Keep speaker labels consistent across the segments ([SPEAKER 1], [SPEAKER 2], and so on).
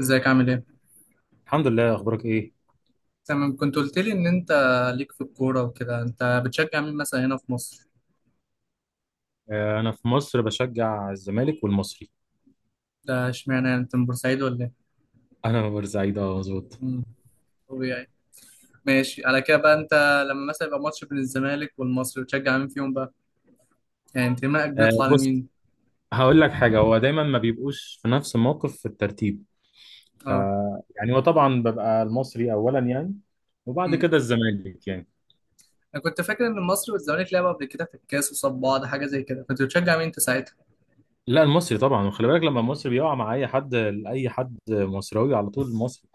[SPEAKER 1] ازيك عامل ايه؟
[SPEAKER 2] الحمد لله، اخبارك ايه؟
[SPEAKER 1] تمام، كنت قلت لي ان انت ليك في الكورة وكده، انت بتشجع مين مثلا هنا في مصر؟
[SPEAKER 2] انا في مصر بشجع الزمالك والمصري.
[SPEAKER 1] ده اشمعنى، يعني انت من بورسعيد ولا ايه؟
[SPEAKER 2] انا من بورسعيد، اه مظبوط.
[SPEAKER 1] امم طبيعي. ماشي على كده بقى، انت لما مثلا يبقى ماتش بين الزمالك والمصري بتشجع مين فيهم بقى؟ يعني انتمائك بيطلع
[SPEAKER 2] بص،
[SPEAKER 1] لمين؟
[SPEAKER 2] هقول لك حاجه. هو دايما ما بيبقوش في نفس الموقف في الترتيب.
[SPEAKER 1] اه.
[SPEAKER 2] يعني هو طبعا ببقى المصري اولا، يعني. وبعد
[SPEAKER 1] امم
[SPEAKER 2] كده الزمالك، يعني.
[SPEAKER 1] انا كنت فاكر ان المصري والزمالك لعبوا قبل كده في الكاس وصاب بعض حاجة زي كده، كنت بتشجع مين انت ساعتها؟
[SPEAKER 2] لا، المصري طبعا. وخلي بالك، لما المصري بيقع مع اي حد، اي حد مصراوي، على طول المصري.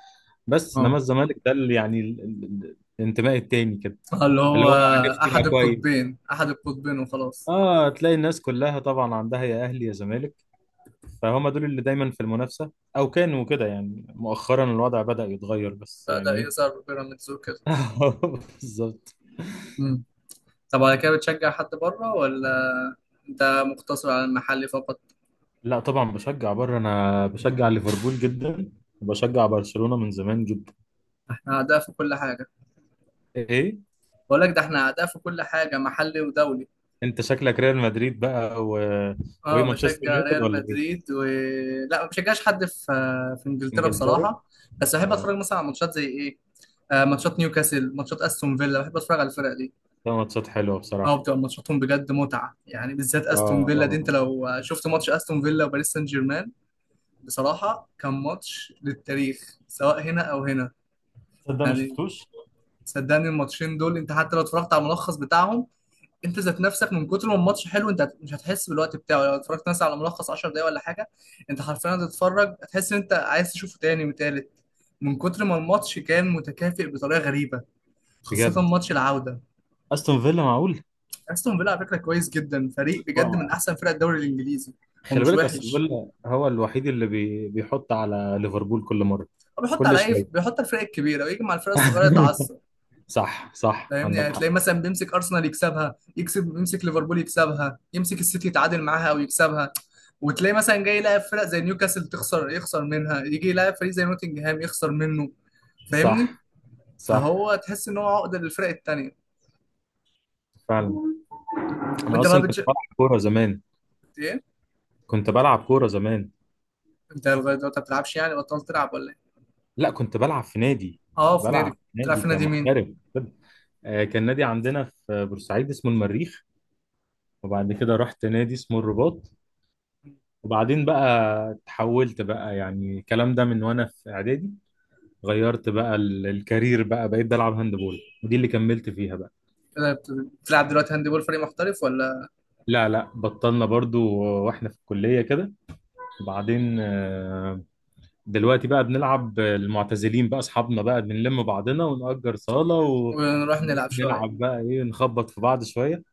[SPEAKER 2] بس
[SPEAKER 1] اه،
[SPEAKER 2] انما الزمالك ده اللي يعني الانتماء التاني كده.
[SPEAKER 1] آه، اللي
[SPEAKER 2] اللي
[SPEAKER 1] هو
[SPEAKER 2] هو، عرفت؟ يبقى
[SPEAKER 1] احد
[SPEAKER 2] كويس.
[SPEAKER 1] القطبين، احد القطبين وخلاص.
[SPEAKER 2] اه، تلاقي الناس كلها طبعا عندها يا اهلي يا زمالك. فهم دول اللي دايما في المنافسة، أو كانوا كده. يعني مؤخرا الوضع بدأ يتغير، بس
[SPEAKER 1] بدأ
[SPEAKER 2] يعني إيه.
[SPEAKER 1] يظهر بيراميدز وكده.
[SPEAKER 2] بالظبط.
[SPEAKER 1] طب على كده بتشجع حد بره ولا انت مقتصر على المحلي فقط؟
[SPEAKER 2] لا طبعا، بشجع بره. أنا بشجع ليفربول جدا، وبشجع برشلونة من زمان جدا.
[SPEAKER 1] احنا اعداء في كل حاجه.
[SPEAKER 2] إيه.
[SPEAKER 1] بقول لك، ده احنا اعداء في كل حاجه، محلي ودولي.
[SPEAKER 2] أنت شكلك ريال مدريد بقى وإيه،
[SPEAKER 1] اه
[SPEAKER 2] مانشستر
[SPEAKER 1] بشجع
[SPEAKER 2] يونايتد
[SPEAKER 1] ريال
[SPEAKER 2] ولا إيه؟
[SPEAKER 1] مدريد و... لا ما بشجعش حد في انجلترا
[SPEAKER 2] إنجلترا؟
[SPEAKER 1] بصراحه. بس بحب
[SPEAKER 2] أه.
[SPEAKER 1] اتفرج مثلا على ماتشات زي ايه، آه ماتشات نيوكاسل، ماتشات استون فيلا، بحب اتفرج على الفرق دي.
[SPEAKER 2] ده ماتشات حلوة
[SPEAKER 1] اه
[SPEAKER 2] بصراحة.
[SPEAKER 1] بتبقى ماتشاتهم بجد متعه، يعني بالذات استون
[SPEAKER 2] أه
[SPEAKER 1] فيلا دي، انت
[SPEAKER 2] أه.
[SPEAKER 1] لو شفت ماتش استون فيلا وباريس سان جيرمان، بصراحه كان ماتش للتاريخ سواء هنا او هنا.
[SPEAKER 2] تصدق ما
[SPEAKER 1] يعني
[SPEAKER 2] شفتوش؟
[SPEAKER 1] صدقني الماتشين دول انت حتى لو اتفرجت على الملخص بتاعهم، انت ذات نفسك من كتر ما الماتش حلو، انت مش هتحس بالوقت بتاعه لو اتفرجت مثلا على ملخص 10 دقايق ولا حاجه. انت حرفيا هتتفرج، هتحس ان انت عايز تشوفه تاني وتالت، من كتر ما الماتش كان متكافئ بطريقه غريبه، خاصه
[SPEAKER 2] بجد؟
[SPEAKER 1] ماتش العوده.
[SPEAKER 2] أستون فيلا؟ معقول.
[SPEAKER 1] استون فيلا على فكره كويس جدا، فريق بجد من
[SPEAKER 2] و-
[SPEAKER 1] احسن فرق الدوري الانجليزي. هو
[SPEAKER 2] خلي
[SPEAKER 1] مش
[SPEAKER 2] بالك، أستون
[SPEAKER 1] وحش،
[SPEAKER 2] فيلا هو الوحيد اللي بيحط على ليفربول كل مرة.
[SPEAKER 1] هو بيحط على
[SPEAKER 2] كل
[SPEAKER 1] اي
[SPEAKER 2] شوية.
[SPEAKER 1] بيحط على الفرق الكبيره ويجي مع الفرق الصغيره يتعصب.
[SPEAKER 2] صح صح،
[SPEAKER 1] فاهمني؟
[SPEAKER 2] عندك
[SPEAKER 1] يعني
[SPEAKER 2] حق.
[SPEAKER 1] تلاقي مثلا بيمسك ارسنال يكسبها، يكسب يمسك ليفربول يكسبها، يمسك السيتي يتعادل معاها او يكسبها. وتلاقي مثلا جاي يلاعب فرق زي نيوكاسل تخسر، يخسر منها، يجي يلاعب فريق زي نوتنجهام يخسر منه. فاهمني؟
[SPEAKER 2] صح صح.
[SPEAKER 1] فهو تحس ان هو عقده للفرق التانية.
[SPEAKER 2] فعلا. انا
[SPEAKER 1] وانت بقى
[SPEAKER 2] اصلا كنت بلعب كوره زمان.
[SPEAKER 1] ايه؟
[SPEAKER 2] كنت بلعب كوره زمان.
[SPEAKER 1] انت لغايه دلوقتي ما بتلعبش يعني، بطلت تلعب ولا ايه؟
[SPEAKER 2] لا، كنت بلعب في نادي. كنت
[SPEAKER 1] اه في نادي.
[SPEAKER 2] بلعب في
[SPEAKER 1] بتلعب
[SPEAKER 2] نادي
[SPEAKER 1] في نادي مين؟
[SPEAKER 2] كمحترف، كده. كان نادي عندنا في بورسعيد اسمه المريخ، وبعد كده رحت نادي اسمه الرباط، وبعدين بقى تحولت بقى. يعني الكلام ده من وانا في اعدادي، غيرت بقى الكارير بقى. بقيت بلعب هاندبول، ودي اللي كملت فيها بقى.
[SPEAKER 1] بت- بتلعب دلوقتي هاند بول فريق محترف ولا؟
[SPEAKER 2] لا لا، بطلنا برضو. واحنا في الكلية كده. وبعدين دلوقتي بقى بنلعب المعتزلين بقى، اصحابنا بقى بنلم بعضنا ونأجر صالة
[SPEAKER 1] ونروح
[SPEAKER 2] ونروح
[SPEAKER 1] نلعب شويه.
[SPEAKER 2] نلعب بقى ايه، نخبط في بعض شوية،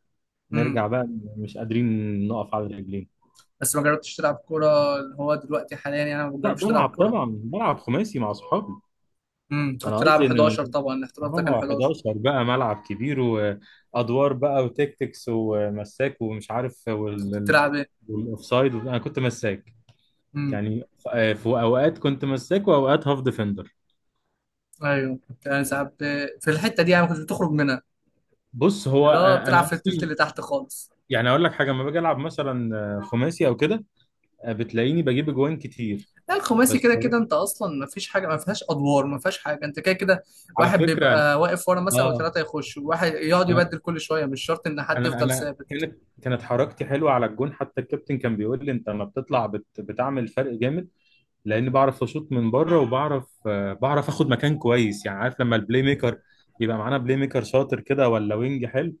[SPEAKER 1] امم.
[SPEAKER 2] نرجع بقى مش قادرين نقف على رجلين.
[SPEAKER 1] بس ما جربتش تلعب كوره اللي هو دلوقتي حاليا، يعني ما
[SPEAKER 2] لا،
[SPEAKER 1] بجربش تلعب
[SPEAKER 2] بلعب
[SPEAKER 1] كوره؟
[SPEAKER 2] طبعا. بلعب خماسي مع اصحابي.
[SPEAKER 1] انت كنت
[SPEAKER 2] انا
[SPEAKER 1] بتلعب
[SPEAKER 2] قصدي ان،
[SPEAKER 1] 11 طبعا، الاحتراف ده كان
[SPEAKER 2] اه
[SPEAKER 1] 11.
[SPEAKER 2] 11 بقى ملعب كبير وادوار بقى وتكتكس ومساك ومش عارف
[SPEAKER 1] انت كنت بتلعب ايه؟
[SPEAKER 2] والاوفسايد. انا كنت مساك.
[SPEAKER 1] امم.
[SPEAKER 2] يعني في اوقات كنت مساك واوقات هاف ديفندر.
[SPEAKER 1] ايوه كنت انا ساعات في الحته دي، يعني ما كنتش بتخرج منها،
[SPEAKER 2] بص، هو
[SPEAKER 1] اللي هو
[SPEAKER 2] انا
[SPEAKER 1] بتلعب
[SPEAKER 2] أنا
[SPEAKER 1] في التلت
[SPEAKER 2] اصلا.
[SPEAKER 1] اللي تحت خالص.
[SPEAKER 2] يعني اقول لك حاجه، لما باجي العب مثلا خماسي او كده، بتلاقيني بجيب اجوان كتير.
[SPEAKER 1] لا الخماسي
[SPEAKER 2] بس
[SPEAKER 1] كده كده انت اصلا ما فيش حاجه، ما فيهاش ادوار، ما فيهاش حاجه، انت كده كده.
[SPEAKER 2] على
[SPEAKER 1] واحد
[SPEAKER 2] فكره
[SPEAKER 1] بيبقى واقف ورا مثلا،
[SPEAKER 2] اه،
[SPEAKER 1] وثلاثه يخشوا، واحد يقعد
[SPEAKER 2] انا
[SPEAKER 1] يبدل كل شويه، مش شرط ان حد
[SPEAKER 2] انا
[SPEAKER 1] يفضل
[SPEAKER 2] انا
[SPEAKER 1] ثابت.
[SPEAKER 2] كانت حركتي حلوه على الجون. حتى الكابتن كان بيقول لي، انت لما بتطلع بتعمل فرق جامد. لاني بعرف اشوط من بره، وبعرف بعرف اخد مكان كويس. يعني عارف، لما البلاي ميكر يبقى معانا بلاي ميكر شاطر كده، ولا وينج حلو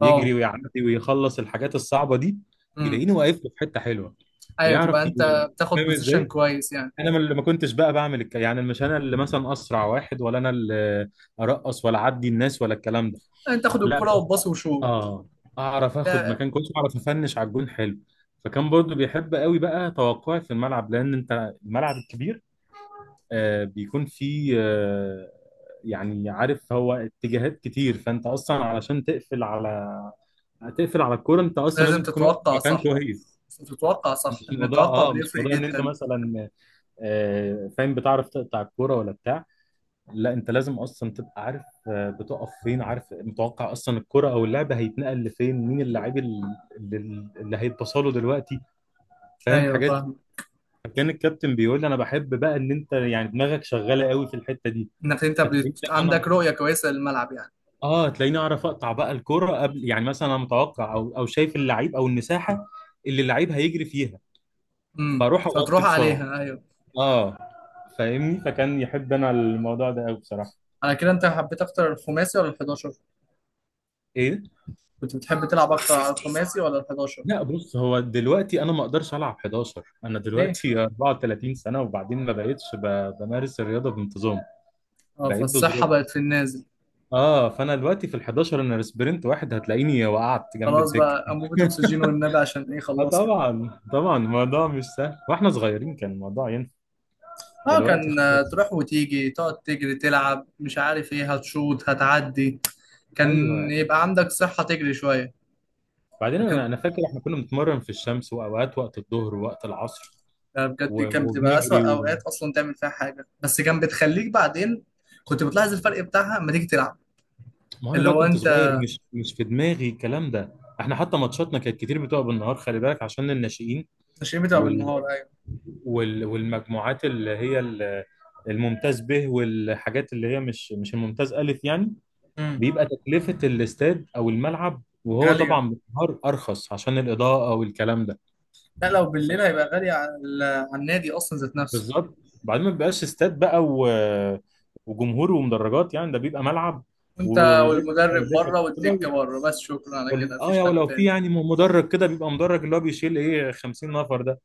[SPEAKER 1] اه.
[SPEAKER 2] يجري ويعدي ويخلص الحاجات الصعبه دي،
[SPEAKER 1] امم.
[SPEAKER 2] يلاقيني واقف له في حته حلوه.
[SPEAKER 1] ايوه، تبقى
[SPEAKER 2] يعرف ي-
[SPEAKER 1] انت بتاخد
[SPEAKER 2] فاهم
[SPEAKER 1] بوزيشن
[SPEAKER 2] ازاي؟
[SPEAKER 1] كويس يعني.
[SPEAKER 2] انا ما كنتش بقى بعمل يعني مش انا اللي مثلا اسرع واحد، ولا انا اللي ارقص، ولا اعدي الناس ولا الكلام ده.
[SPEAKER 1] انت تاخد
[SPEAKER 2] لا
[SPEAKER 1] الكره
[SPEAKER 2] بس،
[SPEAKER 1] وتباص وشوط.
[SPEAKER 2] اه، اعرف اخد
[SPEAKER 1] لا
[SPEAKER 2] مكان كويس واعرف افنش على الجون حلو. فكان برضو بيحب قوي بقى توقعي في الملعب، لان انت الملعب الكبير بيكون فيه يعني، عارف، هو اتجاهات كتير. فانت اصلا علشان تقفل على، تقفل على الكوره، انت اصلا
[SPEAKER 1] لازم
[SPEAKER 2] لازم تكون واقف في
[SPEAKER 1] تتوقع
[SPEAKER 2] مكان
[SPEAKER 1] صح،
[SPEAKER 2] كويس.
[SPEAKER 1] تتوقع صح، ان التوقع
[SPEAKER 2] مش
[SPEAKER 1] بيفرق
[SPEAKER 2] موضوع ان انت
[SPEAKER 1] جدا.
[SPEAKER 2] مثلا فاهم بتعرف تقطع الكوره ولا بتاع. لا، انت لازم اصلا تبقى عارف بتقف فين، عارف، متوقع اصلا الكرة او اللعبة هيتنقل لفين، مين اللاعب اللي, اللي هيتبصله دلوقتي، فاهم
[SPEAKER 1] ايوه
[SPEAKER 2] حاجات.
[SPEAKER 1] فاهم.
[SPEAKER 2] كان الكابتن بيقول لي، انا بحب بقى ان انت يعني دماغك شغالة قوي في الحتة دي.
[SPEAKER 1] انك انت
[SPEAKER 2] فتلاقيني انا
[SPEAKER 1] عندك رؤية كويسة للملعب يعني.
[SPEAKER 2] اه تلاقيني اعرف اقطع بقى الكرة قبل، يعني مثلا انا متوقع، او شايف اللعيب او المساحة اللي اللعيب هيجري فيها، فاروح اغطي
[SPEAKER 1] فتروح
[SPEAKER 2] بسرعة.
[SPEAKER 1] عليها، ايوه.
[SPEAKER 2] اه، فاهمني؟ فكان يحب انا الموضوع ده قوي بصراحة.
[SPEAKER 1] على كده انت حبيت اكتر الخماسي ولا ال11؟
[SPEAKER 2] ايه؟
[SPEAKER 1] كنت بتحب تلعب اكتر على الخماسي ولا ال11؟
[SPEAKER 2] لا بص، هو دلوقتي انا ما اقدرش العب 11. انا
[SPEAKER 1] ليه؟
[SPEAKER 2] دلوقتي 34 سنه، وبعدين ما بقتش بمارس الرياضه بانتظام.
[SPEAKER 1] اه،
[SPEAKER 2] بقيت
[SPEAKER 1] فالصحة
[SPEAKER 2] بظروف.
[SPEAKER 1] بقت في النازل.
[SPEAKER 2] اه، فانا دلوقتي في ال 11، انا سبرنت واحد هتلاقيني وقعت جنب
[SPEAKER 1] خلاص
[SPEAKER 2] الدكه.
[SPEAKER 1] بقى، انبوبة اكسجين والنبي عشان ايه،
[SPEAKER 2] اه،
[SPEAKER 1] خلصنا.
[SPEAKER 2] طبعا طبعا، الموضوع مش سهل. واحنا صغيرين كان الموضوع ينفع،
[SPEAKER 1] اه
[SPEAKER 2] دلوقتي
[SPEAKER 1] كان،
[SPEAKER 2] خلاص.
[SPEAKER 1] تروح وتيجي تقعد تجري تلعب مش عارف ايه هتشوط هتعدي. كان
[SPEAKER 2] ايوه.
[SPEAKER 1] يبقى عندك صحة تجري شوية.
[SPEAKER 2] بعدين انا
[SPEAKER 1] لكن
[SPEAKER 2] انا فاكر احنا كنا بنتمرن في الشمس، واوقات وقت الظهر ووقت العصر
[SPEAKER 1] بجد كان بتبقى
[SPEAKER 2] وبنجري.
[SPEAKER 1] أسوأ أوقات أصلا تعمل فيها حاجة، بس كان بتخليك بعدين كنت بتلاحظ الفرق بتاعها لما تيجي تلعب.
[SPEAKER 2] ما هو انا
[SPEAKER 1] اللي
[SPEAKER 2] بقى
[SPEAKER 1] هو
[SPEAKER 2] كنت
[SPEAKER 1] انت
[SPEAKER 2] صغير، مش في دماغي الكلام ده. احنا حتى ماتشاتنا كانت كتير بتبقى بالنهار، خلي بالك عشان الناشئين
[SPEAKER 1] التشريح بتبقى
[SPEAKER 2] وال...
[SPEAKER 1] بالنهار، ايوه.
[SPEAKER 2] والمجموعات اللي هي الممتاز به، والحاجات اللي هي مش الممتاز الف يعني.
[SPEAKER 1] امم.
[SPEAKER 2] بيبقى تكلفة الاستاد او الملعب، وهو
[SPEAKER 1] غالية.
[SPEAKER 2] طبعا بالنهار ارخص عشان الاضاءة والكلام ده.
[SPEAKER 1] لا لو بالليل
[SPEAKER 2] ف-
[SPEAKER 1] هيبقى غالي على على النادي اصلا ذات نفسه.
[SPEAKER 2] بالظبط. بعدين ما بيبقاش استاد بقى وجمهور ومدرجات. يعني ده بيبقى ملعب
[SPEAKER 1] وانت،
[SPEAKER 2] ودكة
[SPEAKER 1] والمدرب
[SPEAKER 2] دكة.
[SPEAKER 1] بره والدكة بره بس، شكرا على كده
[SPEAKER 2] يا
[SPEAKER 1] مفيش حد
[SPEAKER 2] ولو في
[SPEAKER 1] تاني.
[SPEAKER 2] يعني مدرج كده، بيبقى مدرج اللي هو بيشيل ايه 50 نفر ده،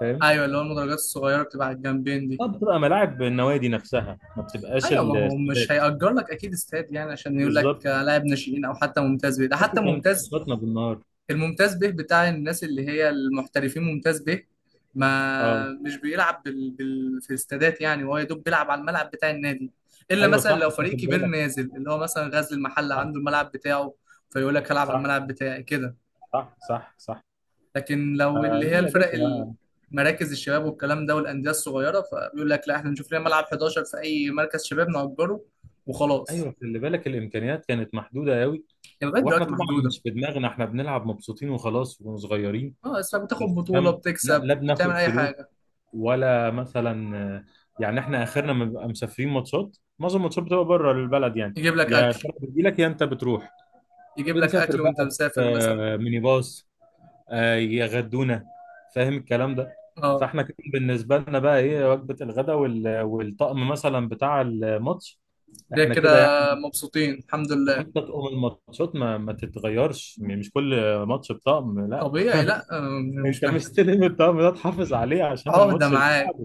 [SPEAKER 2] فاهم؟
[SPEAKER 1] ايوه اللي هو المدرجات الصغيرة بتبقى على الجنبين دي.
[SPEAKER 2] اه، بتبقى ملاعب النوادي نفسها، ما بتبقاش
[SPEAKER 1] ايوه، ما هو مش
[SPEAKER 2] الاستادات.
[SPEAKER 1] هيأجر لك اكيد استاد، يعني عشان يقول لك
[SPEAKER 2] بالظبط.
[SPEAKER 1] لاعب ناشئين او حتى ممتاز بيه ده،
[SPEAKER 2] حتى
[SPEAKER 1] حتى
[SPEAKER 2] كانت
[SPEAKER 1] ممتاز.
[SPEAKER 2] ماتشاتنا بالنهار.
[SPEAKER 1] الممتاز به بتاع الناس اللي هي المحترفين ممتاز به،
[SPEAKER 2] اه
[SPEAKER 1] ما مش بيلعب في الاستادات، يعني هو يا دوب بيلعب على الملعب بتاع النادي. الا
[SPEAKER 2] ايوه،
[SPEAKER 1] مثلا لو
[SPEAKER 2] صح
[SPEAKER 1] فريق
[SPEAKER 2] تاخد
[SPEAKER 1] كبير
[SPEAKER 2] بالك.
[SPEAKER 1] نازل، اللي هو مثلا غزل المحل
[SPEAKER 2] صح.
[SPEAKER 1] عنده الملعب بتاعه، فيقول لك هلعب على
[SPEAKER 2] صح
[SPEAKER 1] الملعب بتاعي كده.
[SPEAKER 2] صح صح. صح
[SPEAKER 1] لكن لو اللي هي
[SPEAKER 2] لا يا باشا، لا.
[SPEAKER 1] مراكز الشباب والكلام ده والانديه الصغيره، فبيقول لك لا، احنا نشوف لنا ملعب 11 في اي مركز شباب نأجره وخلاص.
[SPEAKER 2] ايوه خلي بالك، الامكانيات كانت محدوده قوي.
[SPEAKER 1] يعني لغايه
[SPEAKER 2] واحنا
[SPEAKER 1] دلوقتي
[SPEAKER 2] طبعا
[SPEAKER 1] محدوده.
[SPEAKER 2] مش في دماغنا، احنا بنلعب مبسوطين وخلاص واحنا صغيرين.
[SPEAKER 1] اه بس بتاخد
[SPEAKER 2] بس
[SPEAKER 1] بطوله،
[SPEAKER 2] فاهم، لا لا،
[SPEAKER 1] بتكسب، بتعمل
[SPEAKER 2] بناخد
[SPEAKER 1] اي
[SPEAKER 2] فلوس
[SPEAKER 1] حاجه.
[SPEAKER 2] ولا مثلا؟ يعني احنا اخرنا ما بنبقى مسافرين ماتشات، معظم الماتشات بتبقى بره البلد يعني.
[SPEAKER 1] يجيب لك
[SPEAKER 2] يا
[SPEAKER 1] اكل.
[SPEAKER 2] الفرق بتجيلك، يا انت بتروح.
[SPEAKER 1] يجيب لك
[SPEAKER 2] بنسافر
[SPEAKER 1] اكل وانت
[SPEAKER 2] بقى في
[SPEAKER 1] مسافر مثلا.
[SPEAKER 2] ميني باص، يغدونا، فاهم الكلام ده؟
[SPEAKER 1] اه.
[SPEAKER 2] فاحنا كده بالنسبه لنا بقى ايه، وجبه الغداء والطقم مثلا بتاع الماتش.
[SPEAKER 1] ده
[SPEAKER 2] احنا
[SPEAKER 1] كده
[SPEAKER 2] كده يعني.
[SPEAKER 1] مبسوطين الحمد لله.
[SPEAKER 2] وحتى طقم الماتشات ما تتغيرش، مش كل ماتش بطقم، لا.
[SPEAKER 1] طبيعي، لا آه، مش
[SPEAKER 2] انت
[SPEAKER 1] محتاج،
[SPEAKER 2] مستلم الطقم ده تحافظ عليه عشان
[SPEAKER 1] عهدة
[SPEAKER 2] الماتش.
[SPEAKER 1] معاك.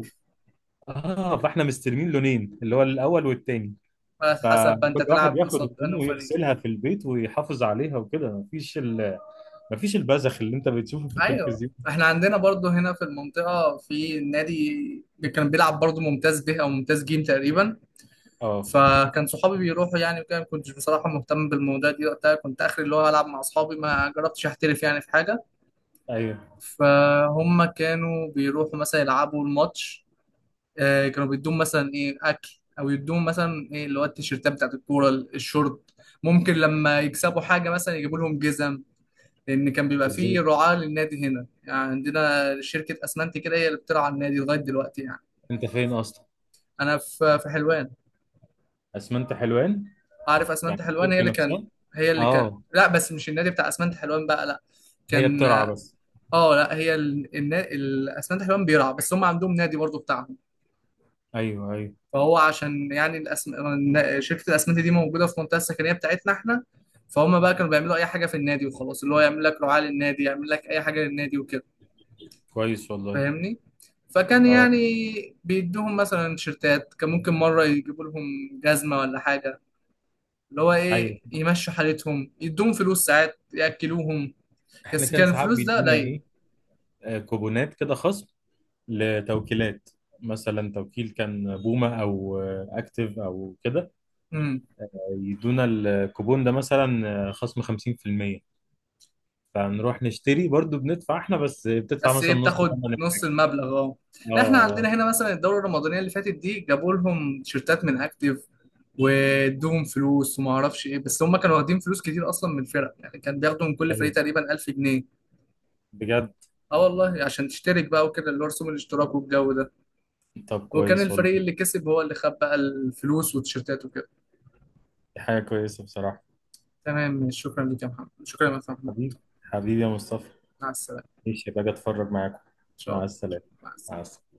[SPEAKER 2] اه، فاحنا مستلمين لونين، اللي هو الاول والتاني.
[SPEAKER 1] على حسب بقى انت
[SPEAKER 2] فكل
[SPEAKER 1] تلعب
[SPEAKER 2] واحد ياخد
[SPEAKER 1] قصاد انه
[SPEAKER 2] هدومه
[SPEAKER 1] فريق.
[SPEAKER 2] ويغسلها في البيت ويحافظ عليها، وكده مفيش البذخ اللي انت بتشوفه في
[SPEAKER 1] ايوه
[SPEAKER 2] التلفزيون.
[SPEAKER 1] احنا عندنا برضو هنا في المنطقة في نادي، اللي كان بيلعب برضو ممتاز به او ممتاز جيم تقريبا.
[SPEAKER 2] اه
[SPEAKER 1] فكان صحابي بيروحوا يعني وكده، ما كنتش بصراحة مهتم بالموضوع دي وقتها، كنت اخري اللي هو العب مع اصحابي، ما جربتش احترف يعني في حاجة.
[SPEAKER 2] ايوه،
[SPEAKER 1] فهم كانوا بيروحوا مثلا يلعبوا الماتش، كانوا بيدوهم مثلا ايه اكل، او يدوهم مثلا ايه اللي هو التيشيرتات بتاعت الكوره، الشورت. ممكن لما يكسبوا حاجه مثلا يجيبوا لهم جزم. لان كان بيبقى
[SPEAKER 2] بالظبط.
[SPEAKER 1] فيه رعاه للنادي هنا، يعني عندنا شركه اسمنتي كده هي اللي بترعى النادي لغايه دلوقتي يعني.
[SPEAKER 2] انت فين اصلا؟
[SPEAKER 1] انا في حلوان.
[SPEAKER 2] اسمنت حلوان؟
[SPEAKER 1] عارف
[SPEAKER 2] يعني
[SPEAKER 1] اسمنتي حلوان هي
[SPEAKER 2] الشركه
[SPEAKER 1] اللي كان،
[SPEAKER 2] نفسها؟
[SPEAKER 1] هي اللي كان.
[SPEAKER 2] اه،
[SPEAKER 1] لا بس مش النادي بتاع اسمنتي حلوان بقى، لا.
[SPEAKER 2] هي
[SPEAKER 1] كان،
[SPEAKER 2] بترعى بس.
[SPEAKER 1] اه لا، هي الاسمنتي حلوان بيرعى بس، هم عندهم نادي برضه بتاعهم.
[SPEAKER 2] ايوه ايوه.
[SPEAKER 1] فهو عشان يعني شركة الأسمنت دي موجودة في المنطقة السكنية بتاعتنا احنا. فهم بقى كانوا بيعملوا أي حاجة في النادي وخلاص، اللي هو يعمل لك رعاة للنادي، يعمل لك أي حاجة للنادي وكده.
[SPEAKER 2] كويس والله.
[SPEAKER 1] فاهمني؟ فكان
[SPEAKER 2] اه
[SPEAKER 1] يعني بيدوهم مثلا تيشيرتات، كان ممكن مرة يجيبوا لهم جزمة ولا حاجة، اللي هو
[SPEAKER 2] ايوه،
[SPEAKER 1] إيه يمشوا حالتهم، يدوهم فلوس ساعات، يأكلوهم.
[SPEAKER 2] احنا
[SPEAKER 1] بس
[SPEAKER 2] كان
[SPEAKER 1] كان
[SPEAKER 2] ساعات
[SPEAKER 1] الفلوس ده
[SPEAKER 2] بيدونا
[SPEAKER 1] قليل.
[SPEAKER 2] ايه، كوبونات كده خصم لتوكيلات. مثلا توكيل كان بومه او اكتيف او كده، يدونا الكوبون ده مثلا خصم 50%. فنروح نشتري برضو، بندفع احنا، بس بتدفع
[SPEAKER 1] بس ايه
[SPEAKER 2] مثلا نص
[SPEAKER 1] بتاخد
[SPEAKER 2] ثمن
[SPEAKER 1] نص
[SPEAKER 2] الحاجة.
[SPEAKER 1] المبلغ، اه.
[SPEAKER 2] اه
[SPEAKER 1] لا احنا
[SPEAKER 2] آه،
[SPEAKER 1] عندنا هنا مثلا الدوره الرمضانيه اللي فاتت دي جابوا لهم تيشيرتات من اكتيف، وادوهم فلوس وما اعرفش ايه، بس هم كانوا واخدين فلوس كتير اصلا من الفرق، يعني كان بياخدوا من كل فريق
[SPEAKER 2] ايوه،
[SPEAKER 1] تقريبا 1000 جنيه.
[SPEAKER 2] بجد.
[SPEAKER 1] اه والله، عشان تشترك بقى وكده اللي هو رسوم الاشتراك والجو ده.
[SPEAKER 2] طب
[SPEAKER 1] وكان
[SPEAKER 2] كويس والله.
[SPEAKER 1] الفريق اللي كسب هو اللي خد بقى الفلوس والتيشيرتات وكده.
[SPEAKER 2] دي حاجة كويسة بصراحة.
[SPEAKER 1] تمام، شكرا لك يا محمد، شكرا لك يا محمد.
[SPEAKER 2] حبيبي. حبيبي يا مصطفى.
[SPEAKER 1] مع السلامه.
[SPEAKER 2] ماشي، باجي اتفرج معاكم.
[SPEAKER 1] ان شاء
[SPEAKER 2] مع
[SPEAKER 1] الله.
[SPEAKER 2] السلامة.
[SPEAKER 1] مع
[SPEAKER 2] مع
[SPEAKER 1] السلامه.
[SPEAKER 2] السلامة.